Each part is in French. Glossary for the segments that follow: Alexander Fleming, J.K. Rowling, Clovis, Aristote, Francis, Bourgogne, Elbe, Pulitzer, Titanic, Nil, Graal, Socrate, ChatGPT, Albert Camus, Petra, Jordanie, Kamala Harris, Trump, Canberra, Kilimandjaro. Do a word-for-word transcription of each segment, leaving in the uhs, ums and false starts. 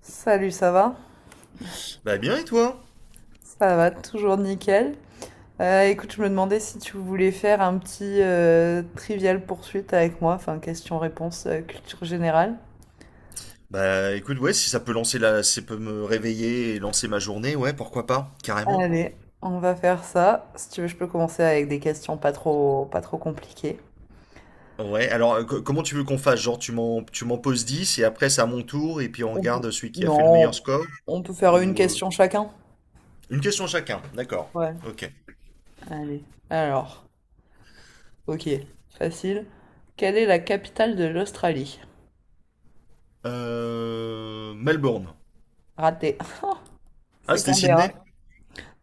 Salut, ça va? Bah bien et toi? Ça va, toujours nickel. Euh, écoute, je me demandais si tu voulais faire un petit euh, trivial poursuite avec moi, enfin question-réponse, euh, culture générale. Bah écoute, ouais, si ça peut lancer la... si ça peut me réveiller et lancer ma journée, ouais, pourquoi pas, carrément. Allez, on va faire ça. Si tu veux, je peux commencer avec des questions pas trop, pas trop compliquées. Ouais, alors, euh, co- comment tu veux qu'on fasse? Genre tu m'en tu m'en poses dix et après c'est à mon tour et puis on On peut- regarde celui qui a fait le meilleur Non, score on peut faire une ou euh, question chacun. une question chacun, d'accord. Ouais, OK. allez. Alors, ok, facile. Quelle est la capitale de l'Australie? Euh... Melbourne. Raté. Ah, C'est c'était Canberra. Sydney?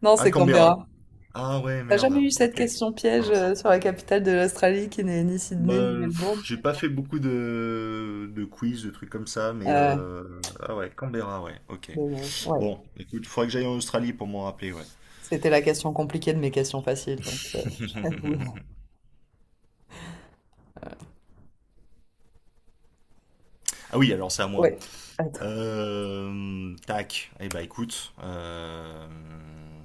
Non, Ah, c'est Canberra. Canberra. Ah ouais, T'as jamais merde. eu cette OK. question piège, Mince. euh, sur la capitale de l'Australie qui n'est ni Sydney ni Bah, pff, Melbourne? j'ai pas fait beaucoup de, de quiz, de trucs comme ça, mais Euh, euh... ah ouais, Canberra, ouais, ok. dommage. Ouais. Bon, écoute, il faudrait que j'aille en Australie pour m'en rappeler, ouais. C'était la question compliquée de mes questions faciles, donc, euh, j'avoue. Ah oui, alors c'est à moi. Ouais. Attends. Euh, tac. Eh bah écoute, euh,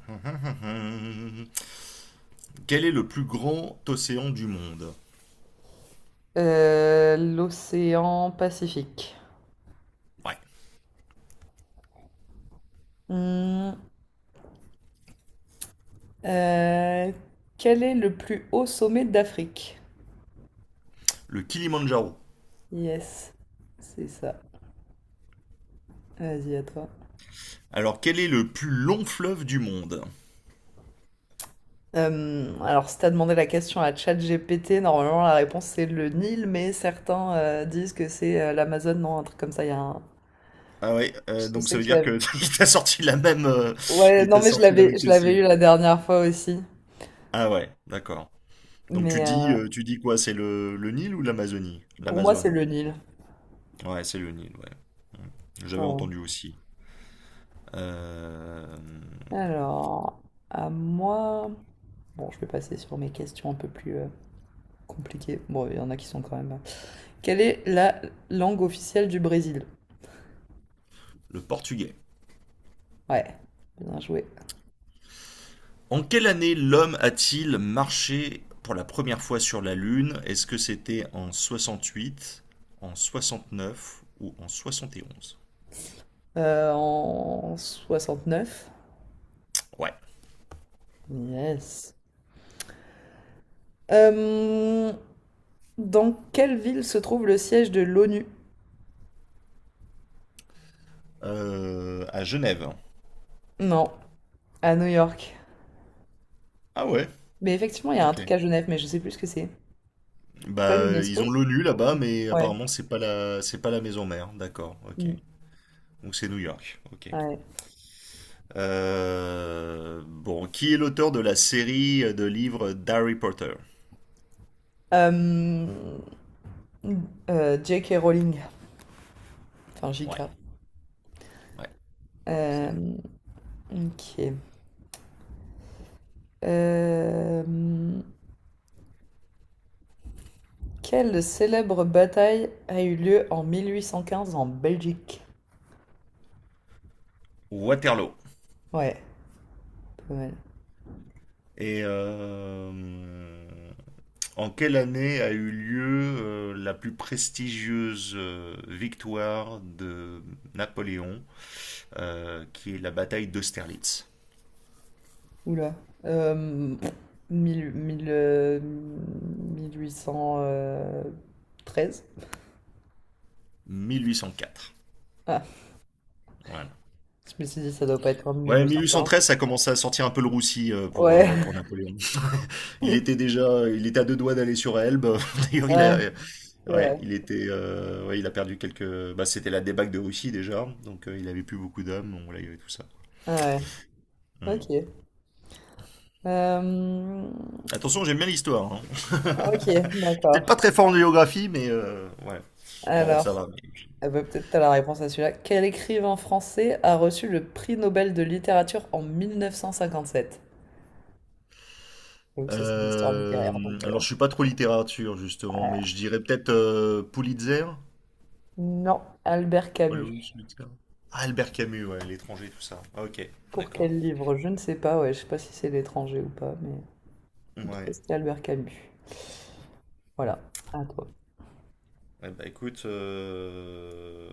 quel est le plus grand océan du monde? Euh, l'océan Pacifique. Ouais, Hmm, euh, quel est le plus haut sommet d'Afrique? le Kilimandjaro. Yes, c'est ça. Vas-y, à toi. Alors, quel est le plus long fleuve du monde? Euh, alors, si t'as demandé la question à ChatGPT, normalement la réponse c'est le Nil, mais certains euh, disent que c'est euh, l'Amazone, non, un truc comme ça. Il y a un, Ah ouais, euh, Je donc ça sais veut que je dire l'avais que il t'a sorti la même, euh, ouais, il non, t'a mais je sorti la l'avais même je l'avais question. eu la dernière fois aussi. Ah ouais, d'accord. Donc tu Mais, dis, euh, euh, tu dis quoi? C'est le, le Nil ou l'Amazonie? pour moi, c'est L'Amazone. le Nil. Ouais, c'est le Nil, ouais. J'avais Ouais. entendu aussi. Euh, Alors, à moi... Bon, je vais passer sur mes questions un peu plus euh, compliquées. Bon, il y en a qui sont quand même. euh, Quelle est la langue officielle du Brésil? le portugais. Ouais, bien joué. En quelle année l'homme a-t-il marché pour la première fois sur la Lune? Est-ce que c'était en soixante-huit, en soixante-neuf ou en soixante et onze? Euh, en neuf. Ouais. Yes. Euh, dans quelle ville se trouve le siège de l'O N U? Euh, à Genève. Non, à New York. Ah ouais. Mais effectivement, il y a un Ok. truc à Genève, mais je sais plus ce que c'est. Pas Bah ils l'UNESCO? ont l'O N U là-bas, mais Ouais. apparemment c'est pas la c'est pas la maison mère. D'accord. Ok. Mm. Donc c'est New York. Ok. Ouais. Euh, bon, qui est l'auteur de la série de livres d'Harry Potter? Euh, euh, J K. Rowling, enfin Ouais. J K. Ouais. C'est bon. Euh, ok. Euh, quelle célèbre bataille a eu lieu en mille huit cent quinze en Belgique? Waterloo. Ouais, pas mal. Et euh, en quelle année a eu lieu euh, la plus prestigieuse euh, victoire de Napoléon, euh, qui est la bataille d'Austerlitz? Oula. Euh, mille- mille, euh, mille huit cent treize? mille huit cent quatre. Ah, Voilà. je me suis dit, ça doit pas être en Ouais, mille huit cent quinze. mille huit cent treize, ça commençait à sortir un peu le roussi, euh, pour, euh, Ouais, pour Napoléon. Il était déjà, il était à deux doigts d'aller sur Elbe. D'ailleurs, il a, ouais, euh, c'est ouais, vrai. il était, euh, ouais, il a perdu quelques. Bah, c'était la débâcle de Russie déjà, donc euh, il avait plus beaucoup d'hommes, on là, il y avait tout ça. Ouais, ouais. Hmm. Ok. Euh, Attention, j'aime bien l'histoire, hein. ok, Peut-être d'accord. pas très fort en géographie, mais euh, ouais. Bon, ça Alors, va. Mais- eh ben, peut-être t'as la réponse à celui-là. Quel écrivain français a reçu le prix Nobel de littérature en mille neuf cent cinquante-sept? Donc ça, c'est une histoire littéraire, Euh, donc, Alors, euh, je suis pas trop littérature, justement, mais ouais. je dirais peut-être euh, Pulitzer. Non, Albert Camus. Paul Pulitzer. Ah, Albert Camus, ouais, l'étranger, tout ça. Ah, ok, Pour d'accord. quel livre? Je ne sais pas, ouais, je sais pas si c'est l'étranger ou pas, mais en tout cas, Ouais. c'était Albert Camus. Voilà, à toi. Eh ben, écoute, euh,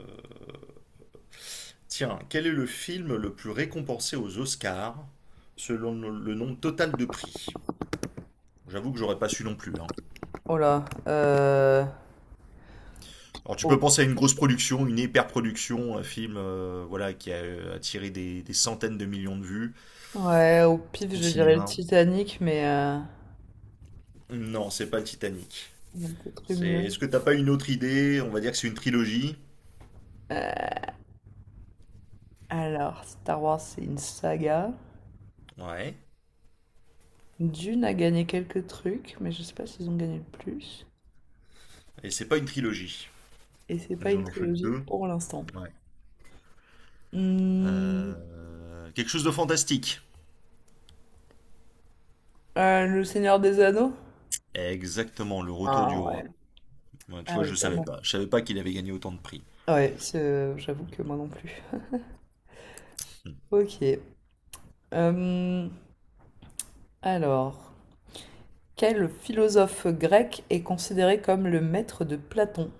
tiens, quel est le film le plus récompensé aux Oscars selon le le nombre total de prix? J'avoue que j'aurais pas su non plus, hein. Oh là, euh... Alors tu peux au- penser à une grosse production, une hyper-production, un film, euh, voilà, qui a euh, attiré des, des centaines de millions de vues Ouais, au pif, au je dirais le cinéma. Titanic, mais euh, Non, c'est pas le Titanic. il y a peut-être eu mieux. C'est... Est-ce que t'as pas une autre idée? On va dire que c'est une trilogie. Alors, Star Wars, c'est une saga. Ouais. Dune a gagné quelques trucs, mais je sais pas s'ils ont gagné le plus. Et c'est pas une trilogie. Et c'est pas Ils une en ont fait que trilogie deux. pour l'instant. Ouais. Hmm, Euh, Quelque chose de fantastique. euh, Le Seigneur des Anneaux? Exactement, le retour Ah du ouais. roi. Ouais, tu Ah vois, oui, je savais vraiment. pas. Je savais pas qu'il avait gagné autant de prix. Ouais, c'est- j'avoue que moi non plus. Hmm. Ok. Euh, alors, quel philosophe grec est considéré comme le maître de Platon?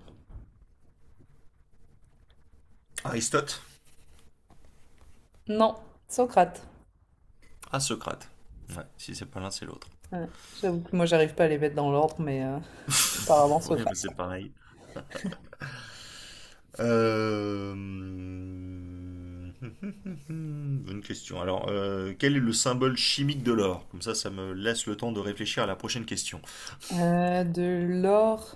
Aristote? Non, Socrate. Ah, Socrate. Ouais, si c'est pas l'un, c'est l'autre. Ouais, j'avoue que moi j'arrive pas à les mettre dans l'ordre, mais euh, apparemment Ouais, Socrate. bah, c'est pareil. Euh, Bonne question. Alors, euh, quel est le symbole chimique de l'or? Comme ça, ça me laisse le temps de réfléchir à la prochaine question. Euh, de l'or.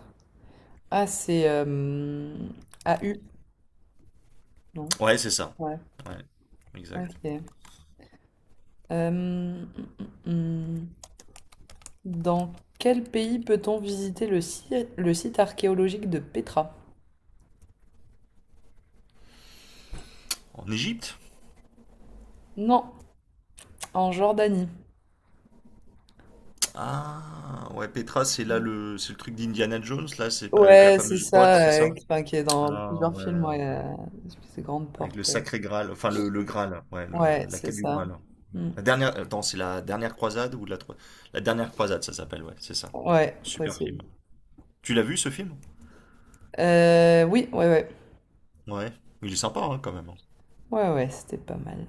Ah, c'est euh, A U, non? Ouais, c'est ça. Ouais, Ouais, exact. ok. Euh, hum, hum, hum. Dans quel pays peut-on visiter le site, le site archéologique de Petra? En Égypte? Non, en Jordanie. Ah, ouais, Petra, c'est là le, c'est le truc d'Indiana Jones, là, c'est pas avec la Ouais, c'est fameuse grotte, ça, c'est euh, ça? qui, enfin, qui est dans Ah, plusieurs ouais, films, ouais, euh, ouais. ces grandes Avec portes. le euh. sacré Graal, enfin le, le Graal, ouais, Ouais, le- la c'est quête du ça. Graal. Mm. La dernière, attends, c'est la dernière croisade ou de la, tro- la dernière croisade, ça s'appelle, ouais, c'est ça. Ouais, Super film. possible. Tu l'as vu ce film? Euh, oui, ouais, ouais. Ouais, il est sympa, hein, quand même, hein. Ouais, ouais, c'était pas mal.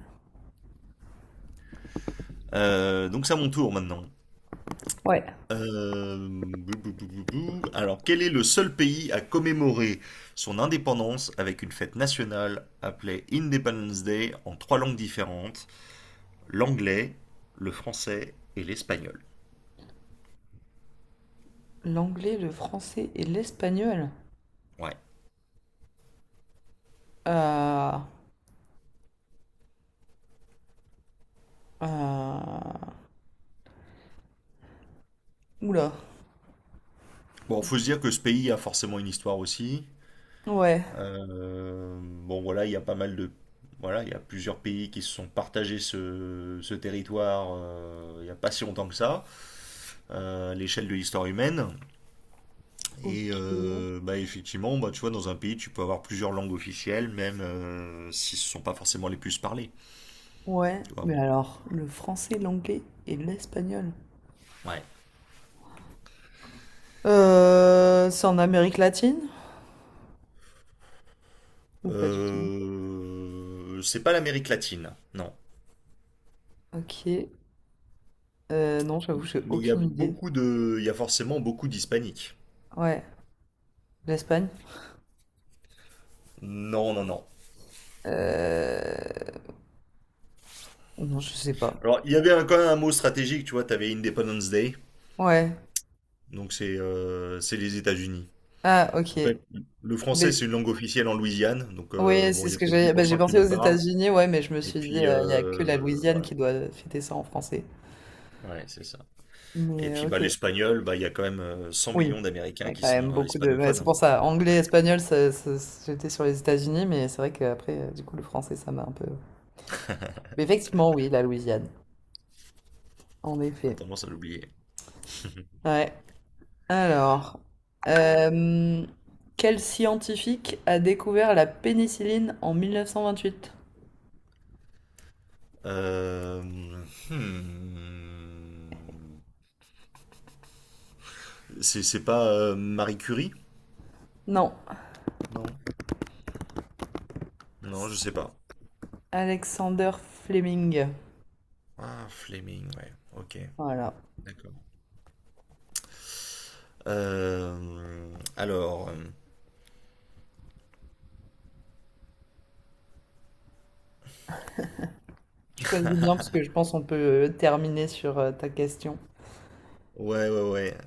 Euh, donc c'est à mon tour maintenant. Ouais. Euh, Bou, bou, bou, bou, bou. Alors, quel est le seul pays à commémorer son indépendance avec une fête nationale appelée Independence Day en trois langues différentes, l'anglais, le français et l'espagnol? L'anglais, le français et l'espagnol. Ouais. Ah, ah. Oula. Bon, faut se dire que ce pays a forcément une histoire aussi. Ouais. Euh, bon, voilà, il y a pas mal de... Voilà, il y a plusieurs pays qui se sont partagés ce, ce territoire, euh, il n'y a pas si longtemps que ça, euh, à l'échelle de l'histoire humaine. Ok. Et euh, bah, effectivement, bah, tu vois, dans un pays, tu peux avoir plusieurs langues officielles, même euh, si ce ne sont pas forcément les plus parlées. Ouais, Tu vois. mais Mais- alors, le français, l'anglais et l'espagnol. Ouais. Euh, c'est en Amérique latine? Ou pas du tout? Euh, c'est pas l'Amérique latine, non. Ok. Euh, non, j'avoue, j'ai Mais il y a aucune idée. beaucoup de, il y a forcément beaucoup d'hispaniques. Ouais, l'Espagne? Non, non, non. Euh... Non, je sais pas. Alors, il y avait un- quand même un mot stratégique, tu vois, tu avais Independence Day, Ouais. donc c'est euh, c'est les États-Unis. Ah, ok. En fait, le français, Mais c'est une langue officielle en Louisiane, donc euh, ouais, bon, c'est il y ce a que peut-être dix j'ai. Bah, pour j'ai cent qui pensé aux le parlent. États-Unis, ouais, mais je me Et suis dit, puis euh, il y a que la euh, Louisiane voilà, qui doit fêter ça en français. ouais, c'est ça. Et Mais euh, puis bah ok. l'espagnol, bah il y a quand même euh, cent Oui, millions il y d'Américains a qui quand même sont euh, beaucoup de. Ouais, hispanophones, c'est hein. pour ça, anglais, espagnol, ça- ça- j'étais sur les États-Unis, mais c'est vrai qu'après, euh, du coup, le français, ça m'a un peu. Mais effectivement, oui, la Louisiane, en On a effet. tendance à l'oublier. Ouais. Alors, euh, quel scientifique a découvert la pénicilline en mille neuf cent vingt-huit? Euh, hmm. C'est c'est pas euh, Marie Curie? Non, Non. Non, je sais pas. Alexander Fleming. Ah, Fleming, ouais. Ok, Voilà. d'accord. Euh, alors, euh, Choisis bien parce que je pense qu'on peut, euh, terminer sur euh, ta question. ouais, ouais, ouais.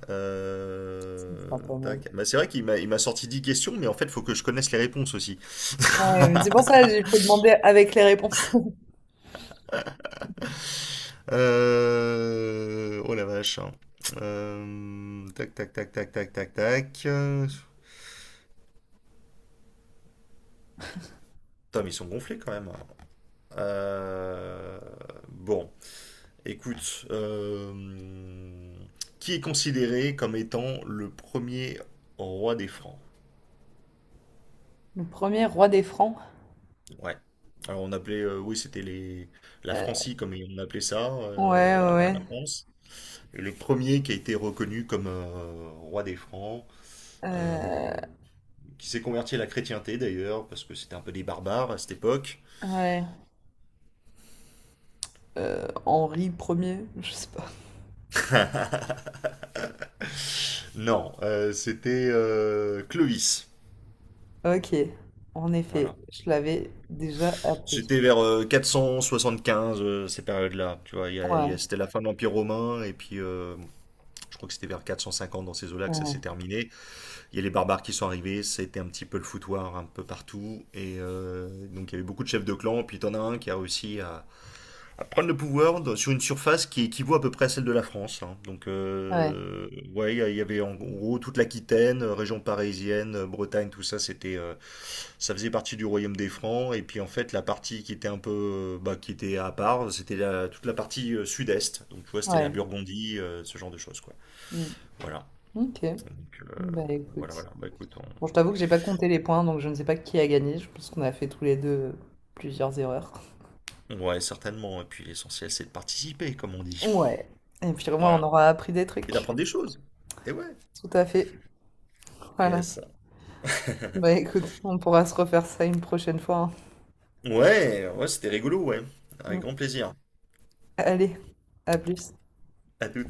Ce euh, sera pas mal. Tac. Bah, c'est vrai qu'il m'a il m'a sorti dix questions, mais en fait, faut que je connaisse les réponses aussi. Ouais, mais c'est pour ça, qu'il faut demander avec les réponses. Euh, Oh la vache, hein. Euh, Tac, tac, tac, tac, tac, tac, tac. Euh, Putain, mais ils sont gonflés quand même. Euh, Bon, écoute, euh, Qui est considéré comme étant le premier roi des Francs? Le premier roi des Francs. Ouais. Alors on appelait, euh, oui, c'était les... la Euh, Francie comme on appelait ça, ouais, euh, ouais, avant la ouais. France. Et le premier qui a été reconnu comme, euh, roi des Francs, Euh, euh, qui s'est converti à la chrétienté d'ailleurs, parce que c'était un peu des barbares à cette époque. ouais. Euh, Henri premier, je sais pas. Non, euh, c'était euh, Clovis. Ok, en effet, Voilà. je l'avais déjà appris. C'était vers euh, quatre cent soixante-quinze, euh, ces périodes-là. Tu vois, il y a- il y a- Ouais, c'était la fin de l'Empire romain, et puis euh, je crois que c'était vers quatre cent cinquante dans ces eaux-là que ça s'est ouais, terminé. Il y a les barbares qui sont arrivés, c'était un petit peu le foutoir un peu partout, et euh, donc il y avait beaucoup de chefs de clan, puis t'en as un qui a réussi à prendre le pouvoir sur une surface qui équivaut à peu près à celle de la France, hein. Donc, ouais, euh, ouais, il y a- il y avait en gros toute l'Aquitaine, euh, région parisienne, euh, Bretagne, tout ça, c'était, euh, ça faisait partie du royaume des Francs. Et puis en fait, la partie qui était un peu, euh, bah, qui était à part, c'était la- toute la partie, euh, sud-est. Donc, tu vois, c'était la ouais. Burgondie, euh, ce genre de choses, quoi. Mm. Voilà. Ok, Donc, euh, bah voilà, écoute. voilà. Bah, écoute, Bon, je t'avoue que j'ai pas compté les points, donc je ne sais pas qui a gagné. Je pense qu'on a fait tous les deux, euh, plusieurs erreurs. on... ouais, certainement. Et puis l'essentiel, c'est de participer, comme on dit. Ouais. Et puis au moins, on Voilà. aura appris des Et trucs. d'apprendre des choses. Et ouais. Tout à fait. Voilà. Yes. Bah écoute, on pourra se refaire ça une prochaine fois, hein. Ouais, ouais, c'était rigolo, ouais. Avec Mm. grand plaisir. Allez, à plus. À tout.